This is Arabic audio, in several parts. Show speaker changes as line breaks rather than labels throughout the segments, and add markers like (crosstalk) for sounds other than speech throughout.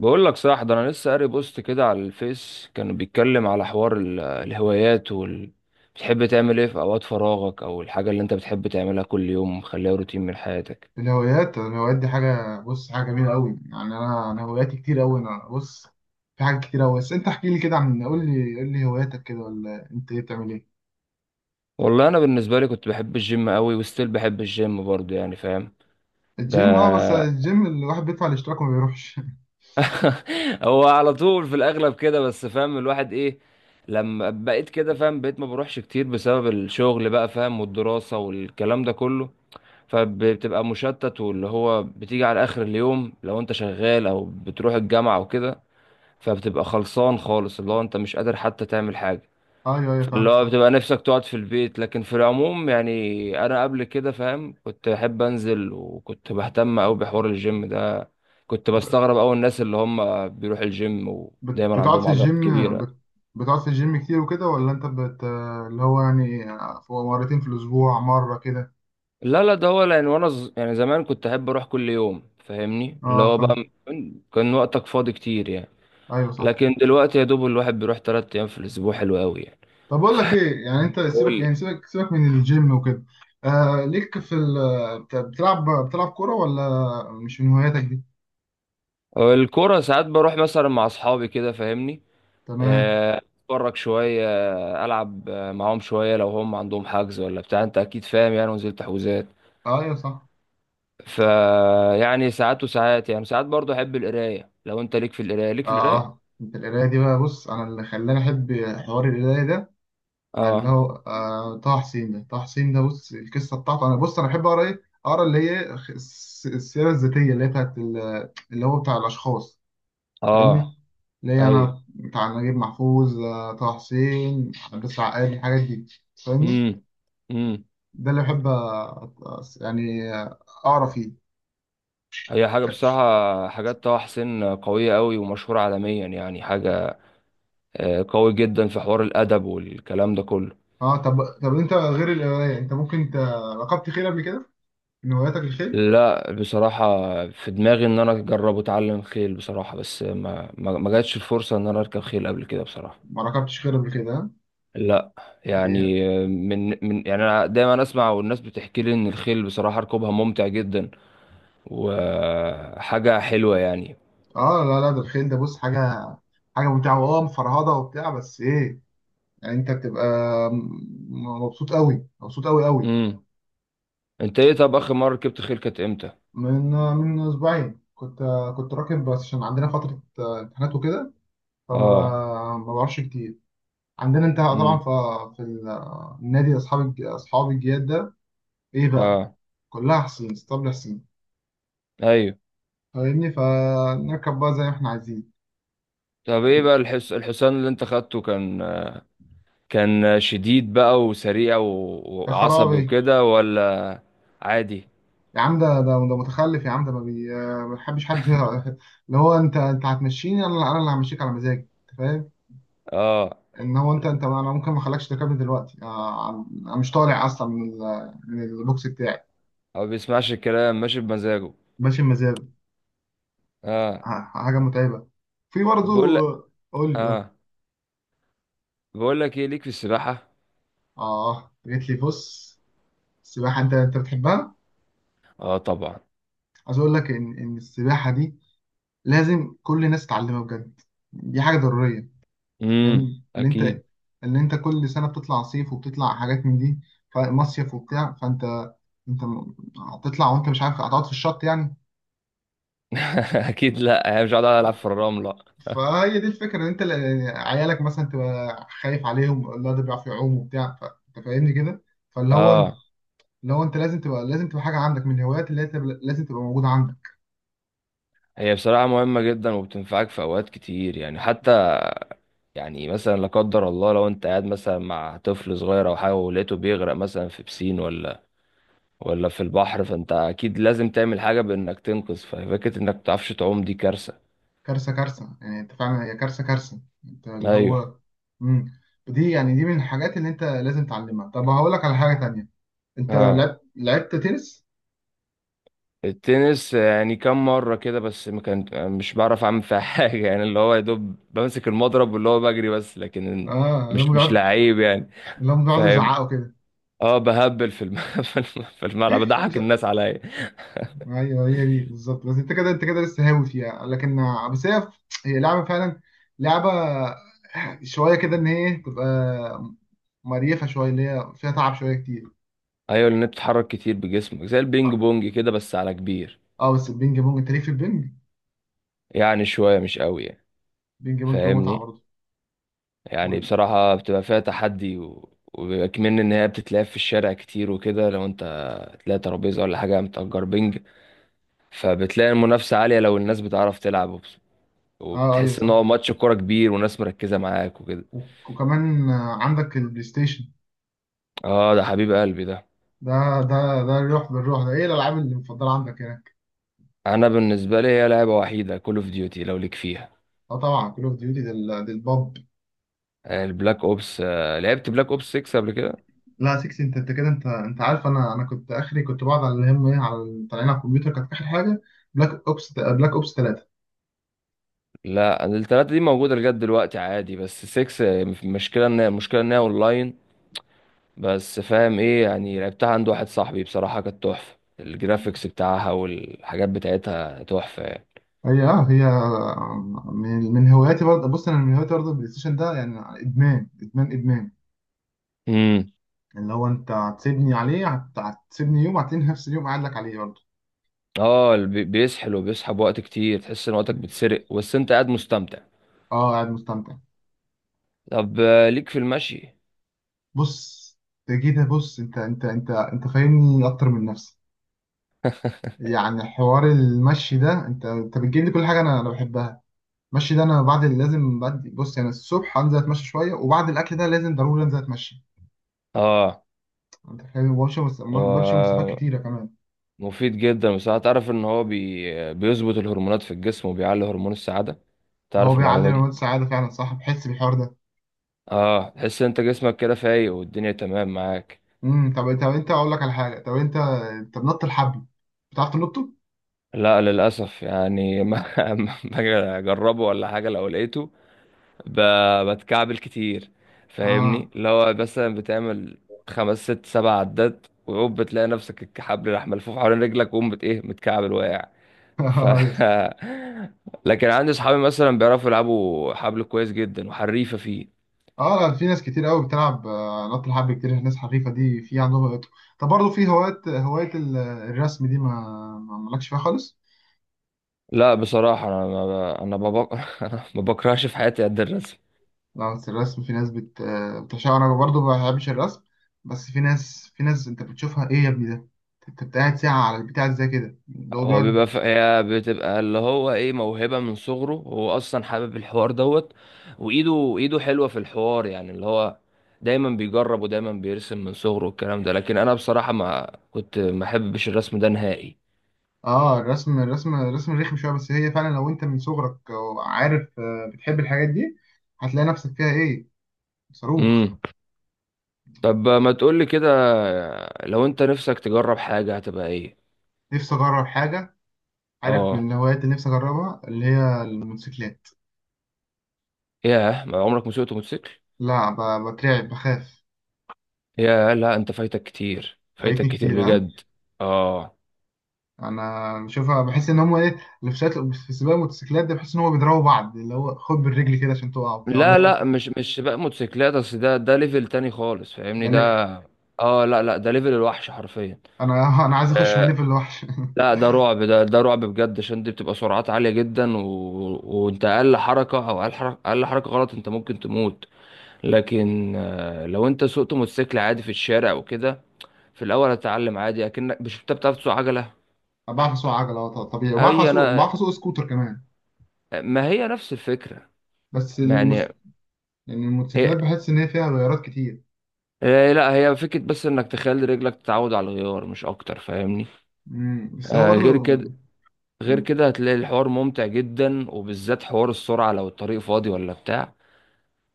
بقول لك صح، ده انا لسه قاري بوست كده على الفيس، كانوا بيتكلم على حوار الهوايات بتحب تعمل ايه في اوقات فراغك او الحاجه اللي انت بتحب تعملها كل يوم مخليها روتين من حياتك.
الهوايات دي حاجة، بص، حاجة جميلة قوي. يعني أنا هواياتي كتير قوي. أنا بص، في حاجات كتير قوي. بس أنت احكي لي كده، عن قول لي هواياتك كده، ولا أنت إيه بتعمل إيه؟
والله انا بالنسبه لي كنت بحب الجيم قوي، وستيل بحب الجيم برضه، يعني فاهم. ب...
الجيم. بس الجيم الواحد بيدفع الاشتراك وما بيروحش (laughs)
(laughs) هو على طول في الاغلب كده، بس فاهم الواحد ايه. لما بقيت كده فاهم، بقيت ما بروحش كتير بسبب الشغل، بقى فاهم، والدراسه والكلام ده كله. فبتبقى مشتت، واللي هو بتيجي على اخر اليوم لو انت شغال او بتروح الجامعة او كده، فبتبقى خلصان خالص، اللي هو انت مش قادر حتى تعمل حاجة.
أيوه أيوه،
اللي
فاهمك،
هو
صح.
بتبقى نفسك تقعد في البيت. لكن في العموم يعني انا قبل كده، فاهم، كنت بحب انزل، وكنت بهتم قوي بحوار الجيم ده. كنت
بت-
بستغرب قوي الناس اللي هم بيروح الجيم ودايما
بتقعد
عندهم
في
عضلات
الجيم،
كبيرة.
بتقعد في الجيم كتير وكده، ولا أنت بت اللي هو يعني مرتين في الأسبوع، مرة كده.
لا لا، ده هو لان وانا يعني زمان كنت احب اروح كل يوم، فاهمني اللي
أه،
هو
فاهم.
بقى. كان وقتك فاضي كتير يعني.
أيوه، صح.
لكن دلوقتي يا دوب الواحد بيروح تلات ايام في الاسبوع، حلو قوي يعني.
طب اقول لك ايه، يعني انت سيبك،
قول لي.
يعني سيبك من الجيم وكده. آه، ليك في ال بتلعب كوره، ولا مش من هواياتك دي؟
الكرة ساعات بروح مثلا مع اصحابي كده، فاهمني.
تمام.
اتفرج شوية، العب معاهم شوية لو هم عندهم حجز ولا بتاع، انت اكيد فاهم يعني، ونزلت تحويزات.
ايوه، صح.
ف يعني ساعات وساعات، يعني ساعات برضو احب القراية، لو انت ليك في القراية، ليك في القراية
اه انت القرايه دي بقى، بص، انا اللي خلاني احب حوار القرايه ده، اللي
اه
هو طه حسين ده بص، القصه بتاعته. انا بص، انا بحب اقرا ايه، اقرا اللي هي السيره الذاتيه، اللي هي اللي هو بتاع الاشخاص. فاهمني؟
اه
اللي هي
ايوه.
انا بتاع نجيب محفوظ، طه حسين، عباس العقاد، الحاجات دي. فاهمني؟
امم. امم.
ده اللي بحب يعني اقرا فيه.
هي حاجة بصراحة، حاجات طه حسين قوية قوي ومشهورة عالميا، يعني حاجة قوي جدا في حوار الادب والكلام ده كله.
اه طب انت غير القرايه، انت ممكن ركبت خيل قبل كده؟ من هواياتك الخيل؟
لا بصراحه، في دماغي ان انا اجرب اتعلم خيل بصراحه، بس ما جاتش الفرصه ان انا اركب خيل قبل كده بصراحه.
ما ركبتش خيل قبل كده، ها؟
لا.
دي-
يعني من يعني انا دايما اسمع والناس بتحكي لي ان الخيل بصراحه ركوبها ممتع جدا وحاجه حلوه يعني.
اه لا لا، ده الخيل ده، بص، حاجه، حاجه ممتعه، واه مفرهده وبتاع. بس ايه، يعني انت بتبقى مبسوط قوي، مبسوط قوي قوي.
امم. انت ايه؟ طب اخر مره ركبت خيل كانت امتى؟
من من اسبوعين كنت كنت راكب، بس عشان عندنا فتره امتحانات وكده،
اه.
فما ب- ما بعرفش كتير. عندنا انت طبعا
امم.
في النادي، اصحاب الجياد ده، ايه بقى،
اه.
كلها حصين، اسطبل حصين،
ايوه.
فاهمني؟ فنركب بقى زي ما احنا عايزين.
طب ايه بقى الحصان اللي انت خدته كان، كان شديد بقى وسريع
يا
وعصبي
خرابي!
وكده ولا عادي؟
يا عم، ده متخلف، يا عم، ده ما بيحبش حد (laughs) اللي هو، انت هتمشيني انا اللي همشيك على مزاجي. انت فاهم؟
اه.
ان هو انت انت انا ممكن ما اخلكش تركبني دلوقتي. اه، انا مش طالع اصلا من من البوكس بتاعي.
هو بيسمعش الكلام، ماشي بمزاجه.
ماشي بمزاجي.
اه.
حاجه متعبه في برضه.
طب بقول لك.
قول لي.
اه. بقول لك ايه، ليك في السباحة؟
اه جيت لي، بص، السباحة، أنت بتحبها؟
اه طبعا.
عايز أقول لك إن السباحة دي لازم كل الناس تتعلمها بجد. دي حاجة ضرورية.
امم،
فاهم؟ اللي أنت
اكيد.
اللي أنت كل سنة بتطلع صيف وبتطلع حاجات من دي، فمصيف وبتاع، فأنت أنت م- هتطلع وأنت مش عارف، هتقعد في الشط يعني.
(laughs) اكيد، لا هي مش قاعدة العب في الرملة.
فهي دي الفكرة، إن أنت عيالك مثلا تبقى خايف عليهم، لا، ده بيعرف يعوم وبتاع، فأنت فاهمني كده. فاللي هو
اه.
اللي هو أنت لازم تبقى حاجة عندك من الهوايات، اللي هي لازم تبقى موجودة عندك.
هي بصراحة مهمة جدا، وبتنفعك في اوقات كتير يعني، حتى يعني مثلا لا قدر الله لو انت قاعد مثلا مع طفل صغير او حاجة ولقيته بيغرق مثلا في بسين ولا ولا في البحر، فانت اكيد لازم تعمل حاجه بانك تنقذ. ففكره انك متعرفش تعوم دي كارثه.
كارثة كارثة، يعني انت فعلا، هي كارثة كارثة، انت اللي
ايوه.
هو. امم دي يعني، دي من الحاجات اللي انت لازم تعلمها. طب هقول لك على حاجة تانية، انت
اه.
لعبت تنس؟
التنس يعني كم مره كده، بس ما كان، مش بعرف اعمل فيها (laughs) حاجه يعني، اللي هو يا دوب بمسك المضرب واللي هو بجري بس، لكن
اه. اللي هم
مش
بيقعدوا،
لعيب يعني. فاهم.
يزعقوا كده
اه، بهبل في (laughs) في في الملعب، بضحك
(laughs)
الناس عليا.
ايوه، هي دي بالظبط. بس انت كده لسه هاوي فيها لكن، بس هي لعبة فعلا، لعبة شوية كده، ان هي تبقى مريفة شوية، اللي هي فيها تعب شوية كتير.
ايوه لان بتتحرك كتير بجسمك، زي
اه
البينج بونج كده بس على كبير.
بس البينج بونج، انت ليه في البينج؟
يعني شويه مش قوي يعني،
بينج بونج متعة
فاهمني.
برضه.
يعني
وال...
بصراحة بتبقى فيها تحدي وبيبقى كمان إن هي بتتلعب في الشارع كتير وكده، لو أنت تلاقي ترابيزة ولا حاجة متأجر بنج، فبتلاقي المنافسة عالية لو الناس بتعرف تلعب،
اه ايوه،
وبتحس إن
صح.
هو ماتش كورة كبير وناس مركزة معاك وكده.
وكمان عندك البلاي ستيشن،
آه ده حبيب قلبي ده.
ده ده الروح بالروح ده، ايه الالعاب اللي مفضله عندك هناك؟
أنا بالنسبة لي هي لعبة وحيدة، كول أوف ديوتي، لو ليك فيها.
اه طبعا كول اوف ديوتي دي الباب.
يعني البلاك أوبس، لعبت بلاك أوبس 6 قبل كده؟
لا، 6 انت كده، انت عارف، انا كنت اخري، كنت بقعد على الهم ايه على طالعين على الكمبيوتر كانت اخر حاجه. بلاك اوبس، 3.
لا التلاتة دي موجودة لغاية دلوقتي عادي، بس 6 المشكلة إن، المشكلة إن هي أونلاين بس، فاهم ايه يعني. لعبتها عند واحد صاحبي بصراحة، كانت تحفة، الجرافيكس بتاعها والحاجات بتاعتها تحفة يعني.
هي من هواياتي برضه، بص، انا من هواياتي برضه البلاي ستيشن ده، يعني ادمان ادمان ادمان.
امم.
اللي هو، انت هتسيبني عليه، هتسيبني يوم، هتلاقيني نفس اليوم قاعد لك عليه برضه.
اه، بيسحل وبيسحب وقت كتير، تحس ان وقتك بيتسرق بس انت قاعد مستمتع.
اه قاعد مستمتع.
طب ليك في المشي؟
بص، انت جيت، بص، انت فاهمني اكتر من نفسي. يعني حوار المشي ده، انت بتجيب لي كل حاجه انا انا بحبها. المشي ده، انا بعد اللي لازم، بعد، بص، يعني الصبح انزل اتمشى شويه، وبعد الاكل ده لازم ضروري انزل اتمشى.
اه.
انت فاهم؟ بمشي بمشي مسافات
و...
كتيره كمان.
مفيد جدا بصراحة، تعرف ان هو بيظبط الهرمونات في الجسم وبيعلي هرمون السعادة؟
هو
تعرف
بيعلي
المعلومة دي؟
هرمونات السعاده فعلا، صح، بحس بالحوار ده.
اه، تحس ان انت جسمك كده فايق والدنيا تمام معاك.
طب، انت، اقول لك على حاجه، طب انت بنط الحبل، بتعرف تنطه؟
لا للأسف، يعني ما (laughs) ما باجي أجربه ولا حاجة، لو لقيته ب... بتكعبل كتير، فاهمني.
اه
اللي هو مثلا بتعمل خمس ست سبع عدات، وعقب بتلاقي نفسك الحبل راح ملفوف حوالين رجلك، وقوم بت إيه، متكعبل واقع. ف
(laughs)
(laughs) لكن عندي صحابي مثلا بيعرفوا يلعبوا حبل كويس جدا وحريفة فيه.
اه، لا، في ناس كتير قوي بتلعب نط الحبل، كتير ناس حريفه دي، في عندهم هوايات. طب برضه في هوايات، الرسم دي، ما مالكش فيها خالص؟
لا بصراحة، أنا ما... ب... أنا ما بق... (laughs) أنا ما بكرهش في حياتي قد الرسم.
لا بس الرسم في ناس بتعشقها. انا برضه ما بحبش الرسم، بس في ناس، انت بتشوفها، ايه يا ابني ده؟ انت قاعد ساعه على البتاع زي كده، اللي هو
هو
بيقعد.
بيبقى هي بتبقى اللي هو ايه، موهبة من صغره، هو اصلا حابب الحوار دوت، وايده، ايده حلوة في الحوار، يعني اللي هو دايما بيجرب ودايما بيرسم من صغره والكلام ده. لكن انا بصراحة ما كنت ما احبش الرسم ده نهائي.
اه الرسم رخم شويه. بس هي فعلا لو انت من صغرك، عارف، بتحب الحاجات دي، هتلاقي نفسك فيها ايه، صاروخ.
امم. طب ما تقولي كده، لو انت نفسك تجرب حاجة هتبقى ايه؟
نفسي اجرب حاجه، عارف
اه.
من الهوايات اللي نفسي أجربها، اللي هي الموتوسيكلات.
ياه، ما عمرك ما سوقت موتوسيكل؟
لا، بترعب، بخاف.
ياه، لا انت فايتك كتير، فايتك
فايتني
كتير
كتير، ها؟
بجد. اه.
أنا بشوفها، بحس إن هما إيه، اللي في ساعات في سباق الموتوسيكلات ده، بحس إن هما بيضربوا بعض، اللي هو خد بالرجل كده عشان تقع وبتاع ولا
لا
إيه؟
لا، مش سباق موتوسيكلات، اصل ده ليفل تاني خالص، فاهمني
ده ليه؟
ده. اه لا لا، ده ليفل الوحش حرفيا.
أنا (laughs) عايز أخش من
آه
ليفل لوحش
لا،
(laughs)
ده رعب، ده رعب بجد، عشان دي بتبقى سرعات عالية جدا، وانت اقل حركة، او اقل حركة، اقل حركة غلط انت ممكن تموت. لكن آه، لو انت سوقت موتوسيكل عادي في الشارع وكده، في الاول هتتعلم عادي اكنك، مش انت بتعرف تسوق عجلة؟
أنا بعرف أسوق عجلة، طبيعي، وبعرف
هي
أسوق، بعرف
انا،
أسوق سكوتر كمان.
ما هي نفس الفكرة،
بس
ما
المس...
يعني.
يعني
هي
الموتوسيكلات، بحس إن هي فيها غيارات كتير.
لا هي فكرة بس انك تخلي رجلك تتعود على الغيار، مش اكتر فاهمني.
بس هو
آه غير
برضه،
كده، غير
يعني،
كده هتلاقي الحوار ممتع جدا، وبالذات حوار السرعة لو الطريق فاضي ولا بتاع،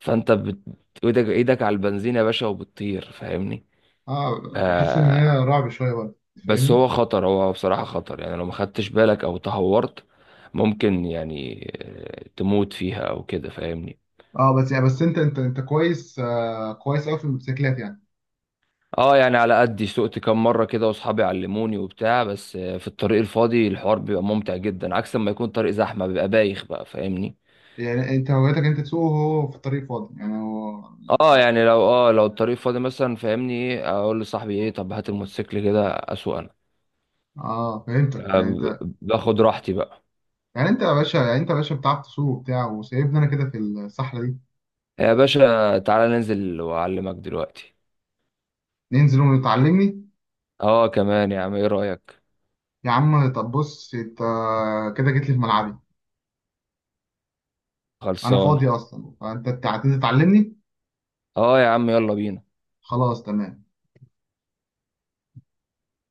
فانت ايدك على البنزين يا باشا وبتطير، فاهمني.
آه بحس إن هي
آه.
رعب شوية برضه.
بس
فاهمني؟
هو خطر، هو بصراحة خطر، يعني لو ما خدتش بالك او تهورت ممكن يعني تموت فيها او كده، فاهمني.
اه، بس انت كويس، كويس قوي في الموتوسيكلات يعني.
اه يعني على قدي، سوقت كام مرة كده واصحابي علموني وبتاع، بس في الطريق الفاضي الحوار بيبقى ممتع جدا، عكس لما يكون طريق زحمة بيبقى بايخ بقى، فاهمني.
يعني انت هوايتك انت تسوق وهو في الطريق فاضي، يعني هو
اه يعني، لو اه لو الطريق فاضي مثلا، فاهمني ايه، اقول لصاحبي ايه، طب هات الموتوسيكل كده اسوق انا،
اه، فهمتك، يعني انت،
باخد راحتي بقى.
يعني انت يا باشا بتعرف تسوق وبتاع وسايبني انا كده في الصحراء دي.
يا باشا تعالى ننزل واعلمك دلوقتي.
ننزل وتعلمني؟
اه كمان، يا عم ايه رأيك؟
يا عم، طب، بص، انت كده جيت لي في ملعبي، انا فاضي
خلصانه.
اصلا، فانت هتنزل تعلمني.
اه يا عم، يلا بينا.
خلاص، تمام.